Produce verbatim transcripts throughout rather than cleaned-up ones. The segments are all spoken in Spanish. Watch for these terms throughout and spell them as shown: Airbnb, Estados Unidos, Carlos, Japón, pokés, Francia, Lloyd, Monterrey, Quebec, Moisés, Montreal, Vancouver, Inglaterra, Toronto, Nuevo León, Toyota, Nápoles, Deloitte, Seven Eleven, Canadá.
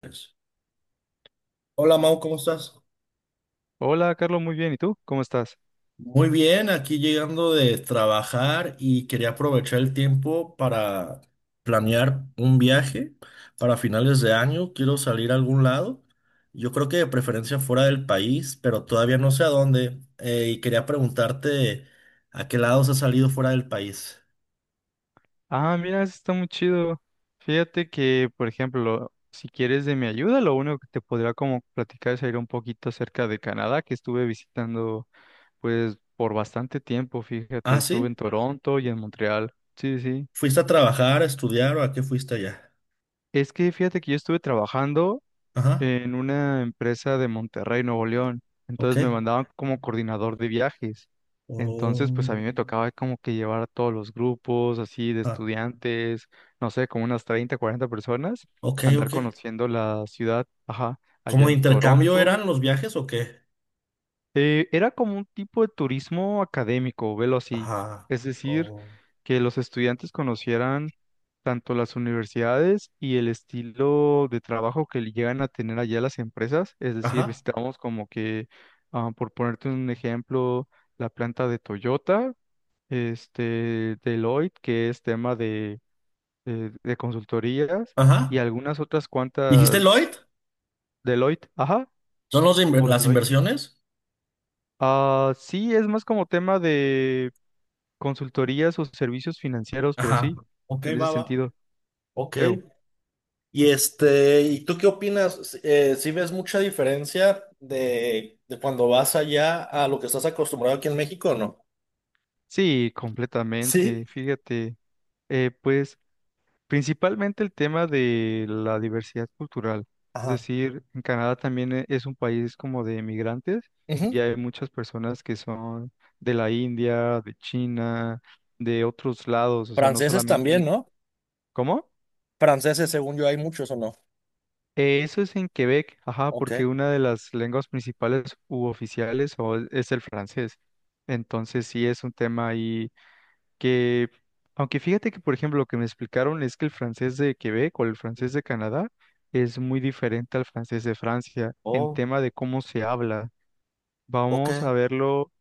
Pues, Hola Mau, ¿cómo estás? Hola, Carlos, muy bien. ¿Y tú? ¿Cómo estás? Muy bien, aquí llegando de trabajar y quería aprovechar el tiempo para planear un viaje para finales de año. Quiero salir a algún lado. Yo creo que de preferencia fuera del país, pero todavía no sé a dónde. Eh, y quería preguntarte a qué lados has salido fuera del país. Ah, mira, eso está muy chido. Fíjate que, por ejemplo, si quieres de mi ayuda, lo único que te podría como platicar es ir un poquito acerca de Canadá, que estuve visitando, pues, por bastante tiempo, fíjate. Ah, Estuve en sí. Toronto y en Montreal. Sí, sí. sí. ¿Fuiste a trabajar, a estudiar o a qué fuiste allá? Es que fíjate que yo estuve trabajando Ajá, en una empresa de Monterrey, Nuevo León. ok. Entonces me mandaban como coordinador de viajes. Entonces, pues Oh, a mí me tocaba como que llevar a todos los grupos, así de ah, estudiantes, no sé, como unas treinta cuarenta personas, ok, andar ok. conociendo la ciudad, ajá, ¿Como allá de en intercambio Toronto, eran los viajes o qué? eh, era como un tipo de turismo académico, velo así. Ajá. Es decir, Oh. que los estudiantes conocieran tanto las universidades y el estilo de trabajo que le llegan a tener allá las empresas. Es decir, Ajá. visitamos como que, ah, por ponerte un ejemplo, la planta de Toyota, este, Deloitte, que es tema de, de, de consultorías, y Ajá. algunas otras ¿Dijiste cuantas, Lloyd? Deloitte, ajá, ¿Son los de inver- o las Deloitte. inversiones? Ah, sí, es más como tema de Consultorías o servicios financieros, pero Ajá. sí, Ok, en ese va, va. sentido. Ok. Eu. Y este, ¿y tú qué opinas? Eh, ¿sí ves mucha diferencia de, de cuando vas allá a lo que estás acostumbrado aquí en México o no? Sí, completamente. Sí, Fíjate, eh, pues principalmente el tema de la diversidad cultural. Es ajá. decir, en Canadá también e- es un país como de migrantes Ujú. y hay muchas personas que son de la India, de China, de otros lados, o sea, no Franceses solamente... también, ¿no? ¿Cómo? Franceses, según yo, hay muchos o no. Eh, eso es en Quebec, ajá, Ok. porque una de las lenguas principales u oficiales o e, es el francés. Entonces sí es un tema ahí que, aunque fíjate que, por ejemplo, lo que me explicaron es que el francés de Quebec o el francés de Canadá es muy diferente al francés de Francia en Oh, tema de cómo se habla. ok, Vamos a verlo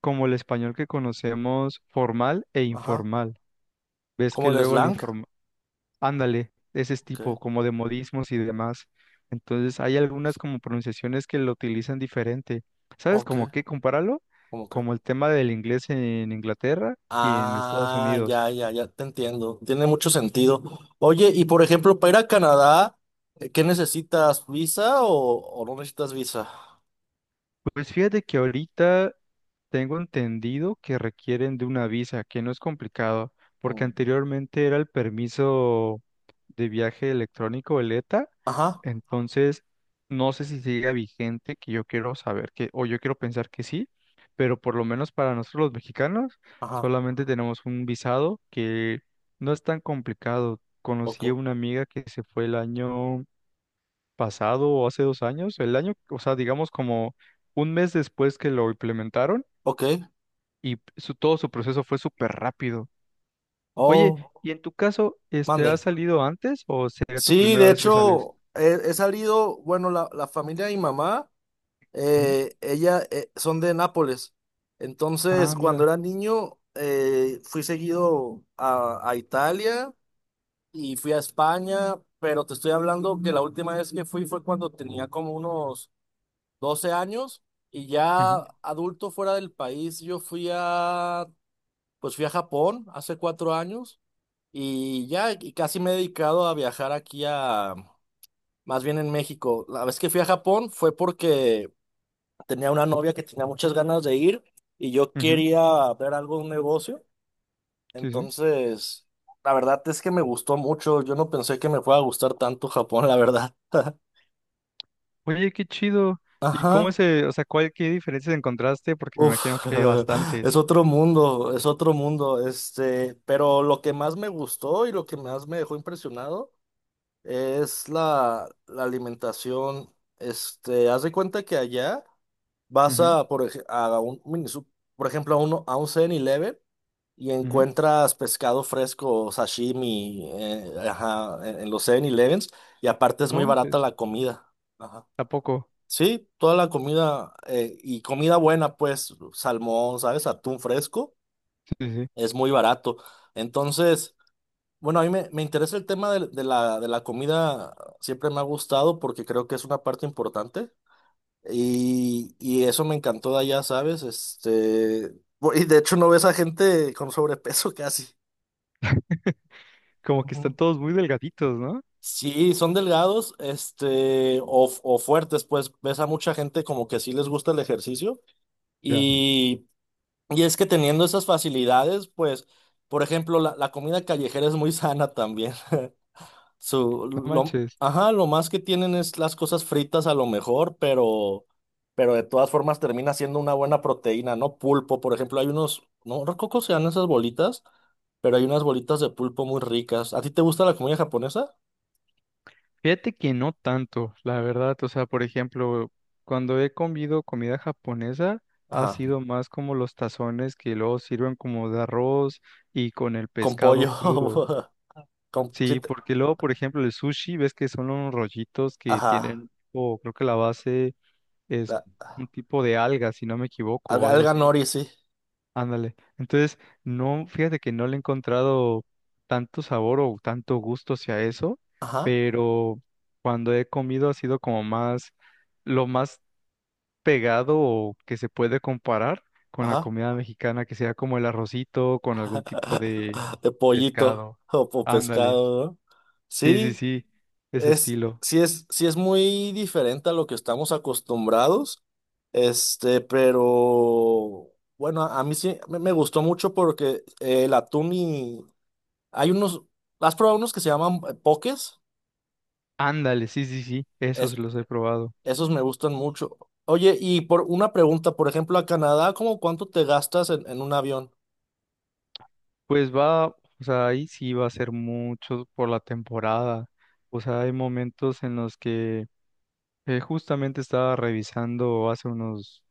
como el español que conocemos formal e ajá. informal. Ves que Como el luego el slang, informal Ándale, de ese ok, tipo, como de modismos y demás. Entonces, hay algunas como pronunciaciones que lo utilizan diferente. ¿Sabes ok, cómo qué? Compáralo cómo que. como el tema del inglés en Inglaterra y en Estados Ah, Unidos. ya, ya, ya te entiendo. Tiene mucho sentido. Oye, y por ejemplo, para ir a Canadá, eh, ¿qué necesitas? ¿Visa o, o no necesitas visa? Pues fíjate que ahorita tengo entendido que requieren de una visa, que no es complicado, porque Mm. anteriormente era el permiso de viaje electrónico, el E T A, Ajá, entonces no sé si sigue vigente, que yo quiero saber que, o yo quiero pensar que sí, pero por lo menos para nosotros los mexicanos ajá, solamente tenemos un visado que no es tan complicado. ok, Conocí a una amiga que se fue el año pasado o hace dos años, el año, o sea, digamos como un mes después que lo implementaron ok. y su, todo su proceso fue súper rápido. Oye, Oh, ¿y en tu caso, este, has mande. salido antes o sería tu Sí, primera de vez que sales? hecho, he, he salido, bueno, la, la familia de mi mamá, Ujú. eh, ella eh, son de Nápoles. Entonces, Ah, cuando mira. era niño, eh, fui seguido a, a Italia y fui a España, pero te estoy hablando que la última vez que fui fue cuando tenía como unos doce años y ya Ujú, adulto fuera del país, yo fui a, pues fui a Japón hace cuatro años y ya y casi me he dedicado a viajar aquí a, más bien en México. La vez que fui a Japón fue porque tenía una novia que tenía muchas ganas de ir y yo ujú, quería ver algo, un negocio. Sí, sí. Entonces, la verdad es que me gustó mucho. Yo no pensé que me fuera a gustar tanto Japón, la verdad. Oye, qué chido. ¿Y cómo Ajá. ese, o sea, cuál, qué diferencias encontraste? Porque me imagino Uf, que hay es bastantes. otro mundo, es otro mundo. Este, pero lo que más me gustó y lo que más me dejó impresionado es la, la alimentación. Este, haz de cuenta que allá vas Ujú, a, por ej- a un mini, sup- por ejemplo, a uno, a un Seven eleven. Y ujú. encuentras pescado fresco, sashimi, eh, ajá, en, en los Seven elevens. Y aparte es muy No barata manches. la comida. Ajá. ¿A poco? Sí, toda la comida eh, y comida buena, pues salmón, ¿sabes? Atún fresco, Sí, sí. sí. es muy barato. Entonces, bueno, a mí me, me interesa el tema de, de la, de la comida, siempre me ha gustado porque creo que es una parte importante y, y eso me encantó de allá, ¿sabes? Este, bu- y de hecho no ves a gente con sobrepeso casi. Como que Ujú. están todos muy delgaditos, ¿no? Sí, son delgados, este, o, o fuertes, pues ves a mucha gente como que sí les gusta el ejercicio Ya. y, y es que teniendo esas facilidades, pues, por ejemplo, la, la comida callejera es muy sana también. Su, No lo, manches. Ajá, lo más que tienen es las cosas fritas a lo mejor, pero, pero de todas formas termina siendo una buena proteína, ¿no? Pulpo, por ejemplo, hay unos, no recuerdo cómo se llaman esas bolitas, pero hay unas bolitas de pulpo muy ricas. ¿A ti te gusta la comida japonesa? Fíjate que no tanto, la verdad. O sea, por ejemplo, cuando he comido comida japonesa, ha Ajá. sido más como los tazones que luego sirven como de arroz y con el Con pescado pollo, crudo. con, sí, Sí, te- porque luego, por ejemplo, el sushi, ves que son unos rollitos que ajá, tienen, o creo que la base es la- un tipo de alga, si no me equivoco, o alga, algo alga así. nori, sí, Ándale. Entonces, no, fíjate que no le he encontrado tanto sabor o tanto gusto hacia eso, ajá, pero cuando he comido ha sido como más, lo más pegado o que se puede comparar con la ajá, comida mexicana, que sea como el arrocito con algún tipo de de pollito pescado. o, po- Ándale. pescado, ¿no? Sí, sí, Sí, sí, ese es, estilo. sí es, sí es muy diferente a lo que estamos acostumbrados, este, pero bueno, a, a mí sí me, me gustó mucho porque eh, el atún y hay unos, ¿has probado unos que se llaman eh, pokés? Ándale, sí, sí, sí, esos los he probado. Esos me gustan mucho. Oye, y por una pregunta, por ejemplo, a Canadá, ¿cómo cuánto te gastas en, en un avión? Pues va, o sea, ahí sí va a ser mucho por la temporada. O sea, hay momentos en los que eh, justamente estaba revisando hace unos,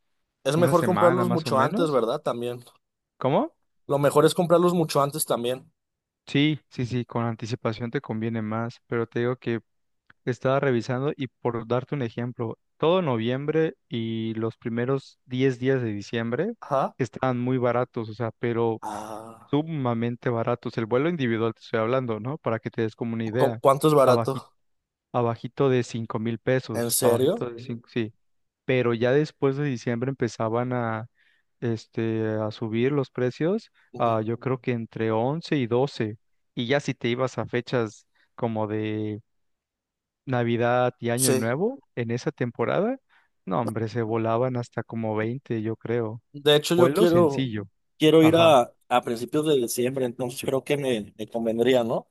Es una mejor semana comprarlos más o mucho antes, menos. ¿verdad? También. ¿Cómo? Lo mejor es comprarlos mucho antes también. Sí, sí, sí, con anticipación te conviene más, pero te digo que estaba revisando y por darte un ejemplo, todo noviembre y los primeros diez días de diciembre Ajá. estaban muy baratos, o sea, pero Ah, sumamente baratos. El vuelo individual te estoy hablando, ¿no? Para que te des como una ¿cu- idea ¿cuánto es barato? abajito de cinco mil ¿En pesos, ¿En serio? abajito de serio? Cinco, sí. Pero ya después de diciembre empezaban a, este, a subir los precios, a, Ujú. yo creo que entre once y doce. Y ya si te ibas a fechas como de Navidad y Año Sí. Nuevo, en esa temporada, no, hombre, se volaban hasta como veinte, yo creo. De hecho, yo Vuelo Mm. quiero, sencillo, quiero ir ajá. a, a principios de diciembre, entonces creo que me, me convendría, ¿no?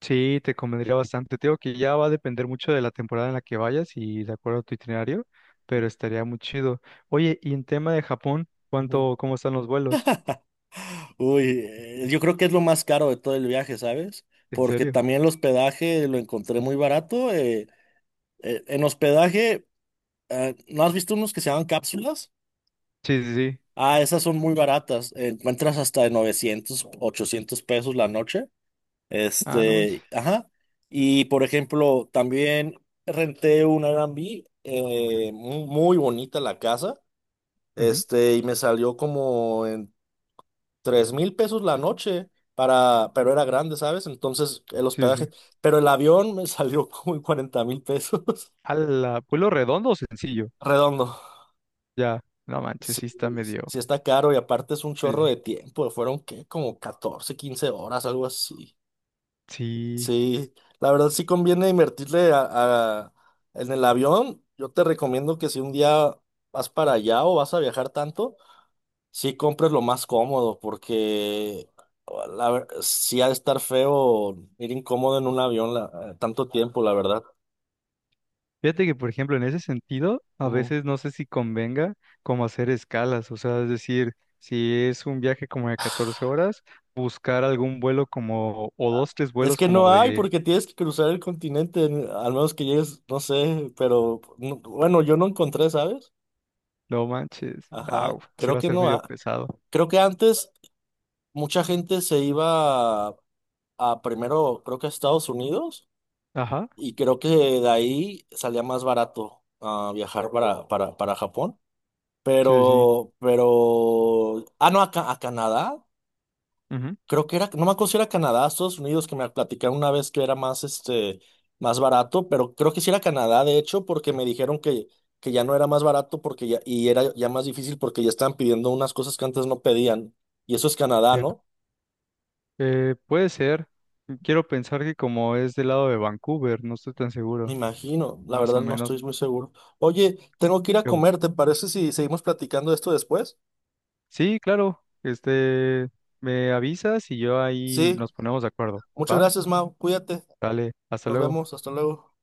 Sí, te convendría bastante. Te digo que ya va a depender mucho de la temporada en la que vayas y de acuerdo a tu itinerario, pero estaría muy chido. Oye, y en tema de Japón, Ujú. ¿cuánto, cómo están los vuelos? Uy, eh, yo creo que es lo más caro de todo el viaje, ¿sabes? ¿En Porque serio? también el hospedaje lo encontré muy barato. Eh, Eh, en hospedaje, eh, ¿no has visto unos que se llaman cápsulas? Sí, sí, sí. Ah, esas son muy baratas. eh, Encuentras hasta de novecientos ochocientos pesos la noche. Ah, no Este, manches. ajá. Y por ejemplo, también renté un Airbnb, eh, mu- muy bonita la casa. Ujú. Este, y me salió como en tres mil pesos la noche. Para, pero era grande, ¿sabes? Entonces, el Sí, hospedaje. sí. Pero el avión me salió como en cuarenta mil pesos. ¿Al vuelo redondo o sencillo? Redondo. Ya, no manches, Sí, sí está medio. sí está caro y aparte es un Sí, chorro sí. de tiempo. Fueron, ¿qué? Como catorce quince horas, algo así. Sí. Sí, la verdad sí conviene invertirle a, a- en el avión. Yo te recomiendo que si un día vas para allá o vas a viajar tanto, sí compres lo más cómodo porque oh, la, ver- sí ha de estar feo ir incómodo en un avión la- tanto tiempo, la verdad. Fíjate que, por ejemplo, en ese sentido, a Ujú. veces no sé si convenga como hacer escalas, o sea, es decir, si es un viaje como de catorce horas, buscar algún vuelo como, o dos, tres Es vuelos que no como hay de, porque tienes que cruzar el continente, en- al menos que llegues, no sé, pero no- bueno, yo no encontré, ¿sabes? no manches, Ajá, au, sí creo va a que ser no medio ha- pesado. creo que antes mucha gente se iba a, a primero, creo que a Estados Unidos, Ajá, y creo que de ahí salía más barato ah, viajar para, para, para Japón. sí, sí. Pero, pero, ah, no, a, Ca- a Canadá. ujú. Creo que era, no me acuerdo si era Canadá, Estados Unidos, que me platicaron una vez que era más, este, más barato, pero creo que sí era Canadá, de hecho, porque me dijeron que, que ya no era más barato porque ya, y era ya más difícil porque ya estaban pidiendo unas cosas que antes no pedían. Y eso es Canadá, Ya. ¿no? Eh, puede ser, quiero pensar que como es del lado de Vancouver, no estoy tan Me seguro, imagino, la más o verdad no menos. estoy muy seguro. Oye, tengo que ir a yo- comer, ¿te parece si seguimos platicando de esto después? Sí, claro, este, me avisas y yo ahí Sí, nos ponemos de acuerdo. muchas ¿Va? gracias, Mau, cuídate, Vale, hasta nos luego. vemos, hasta luego.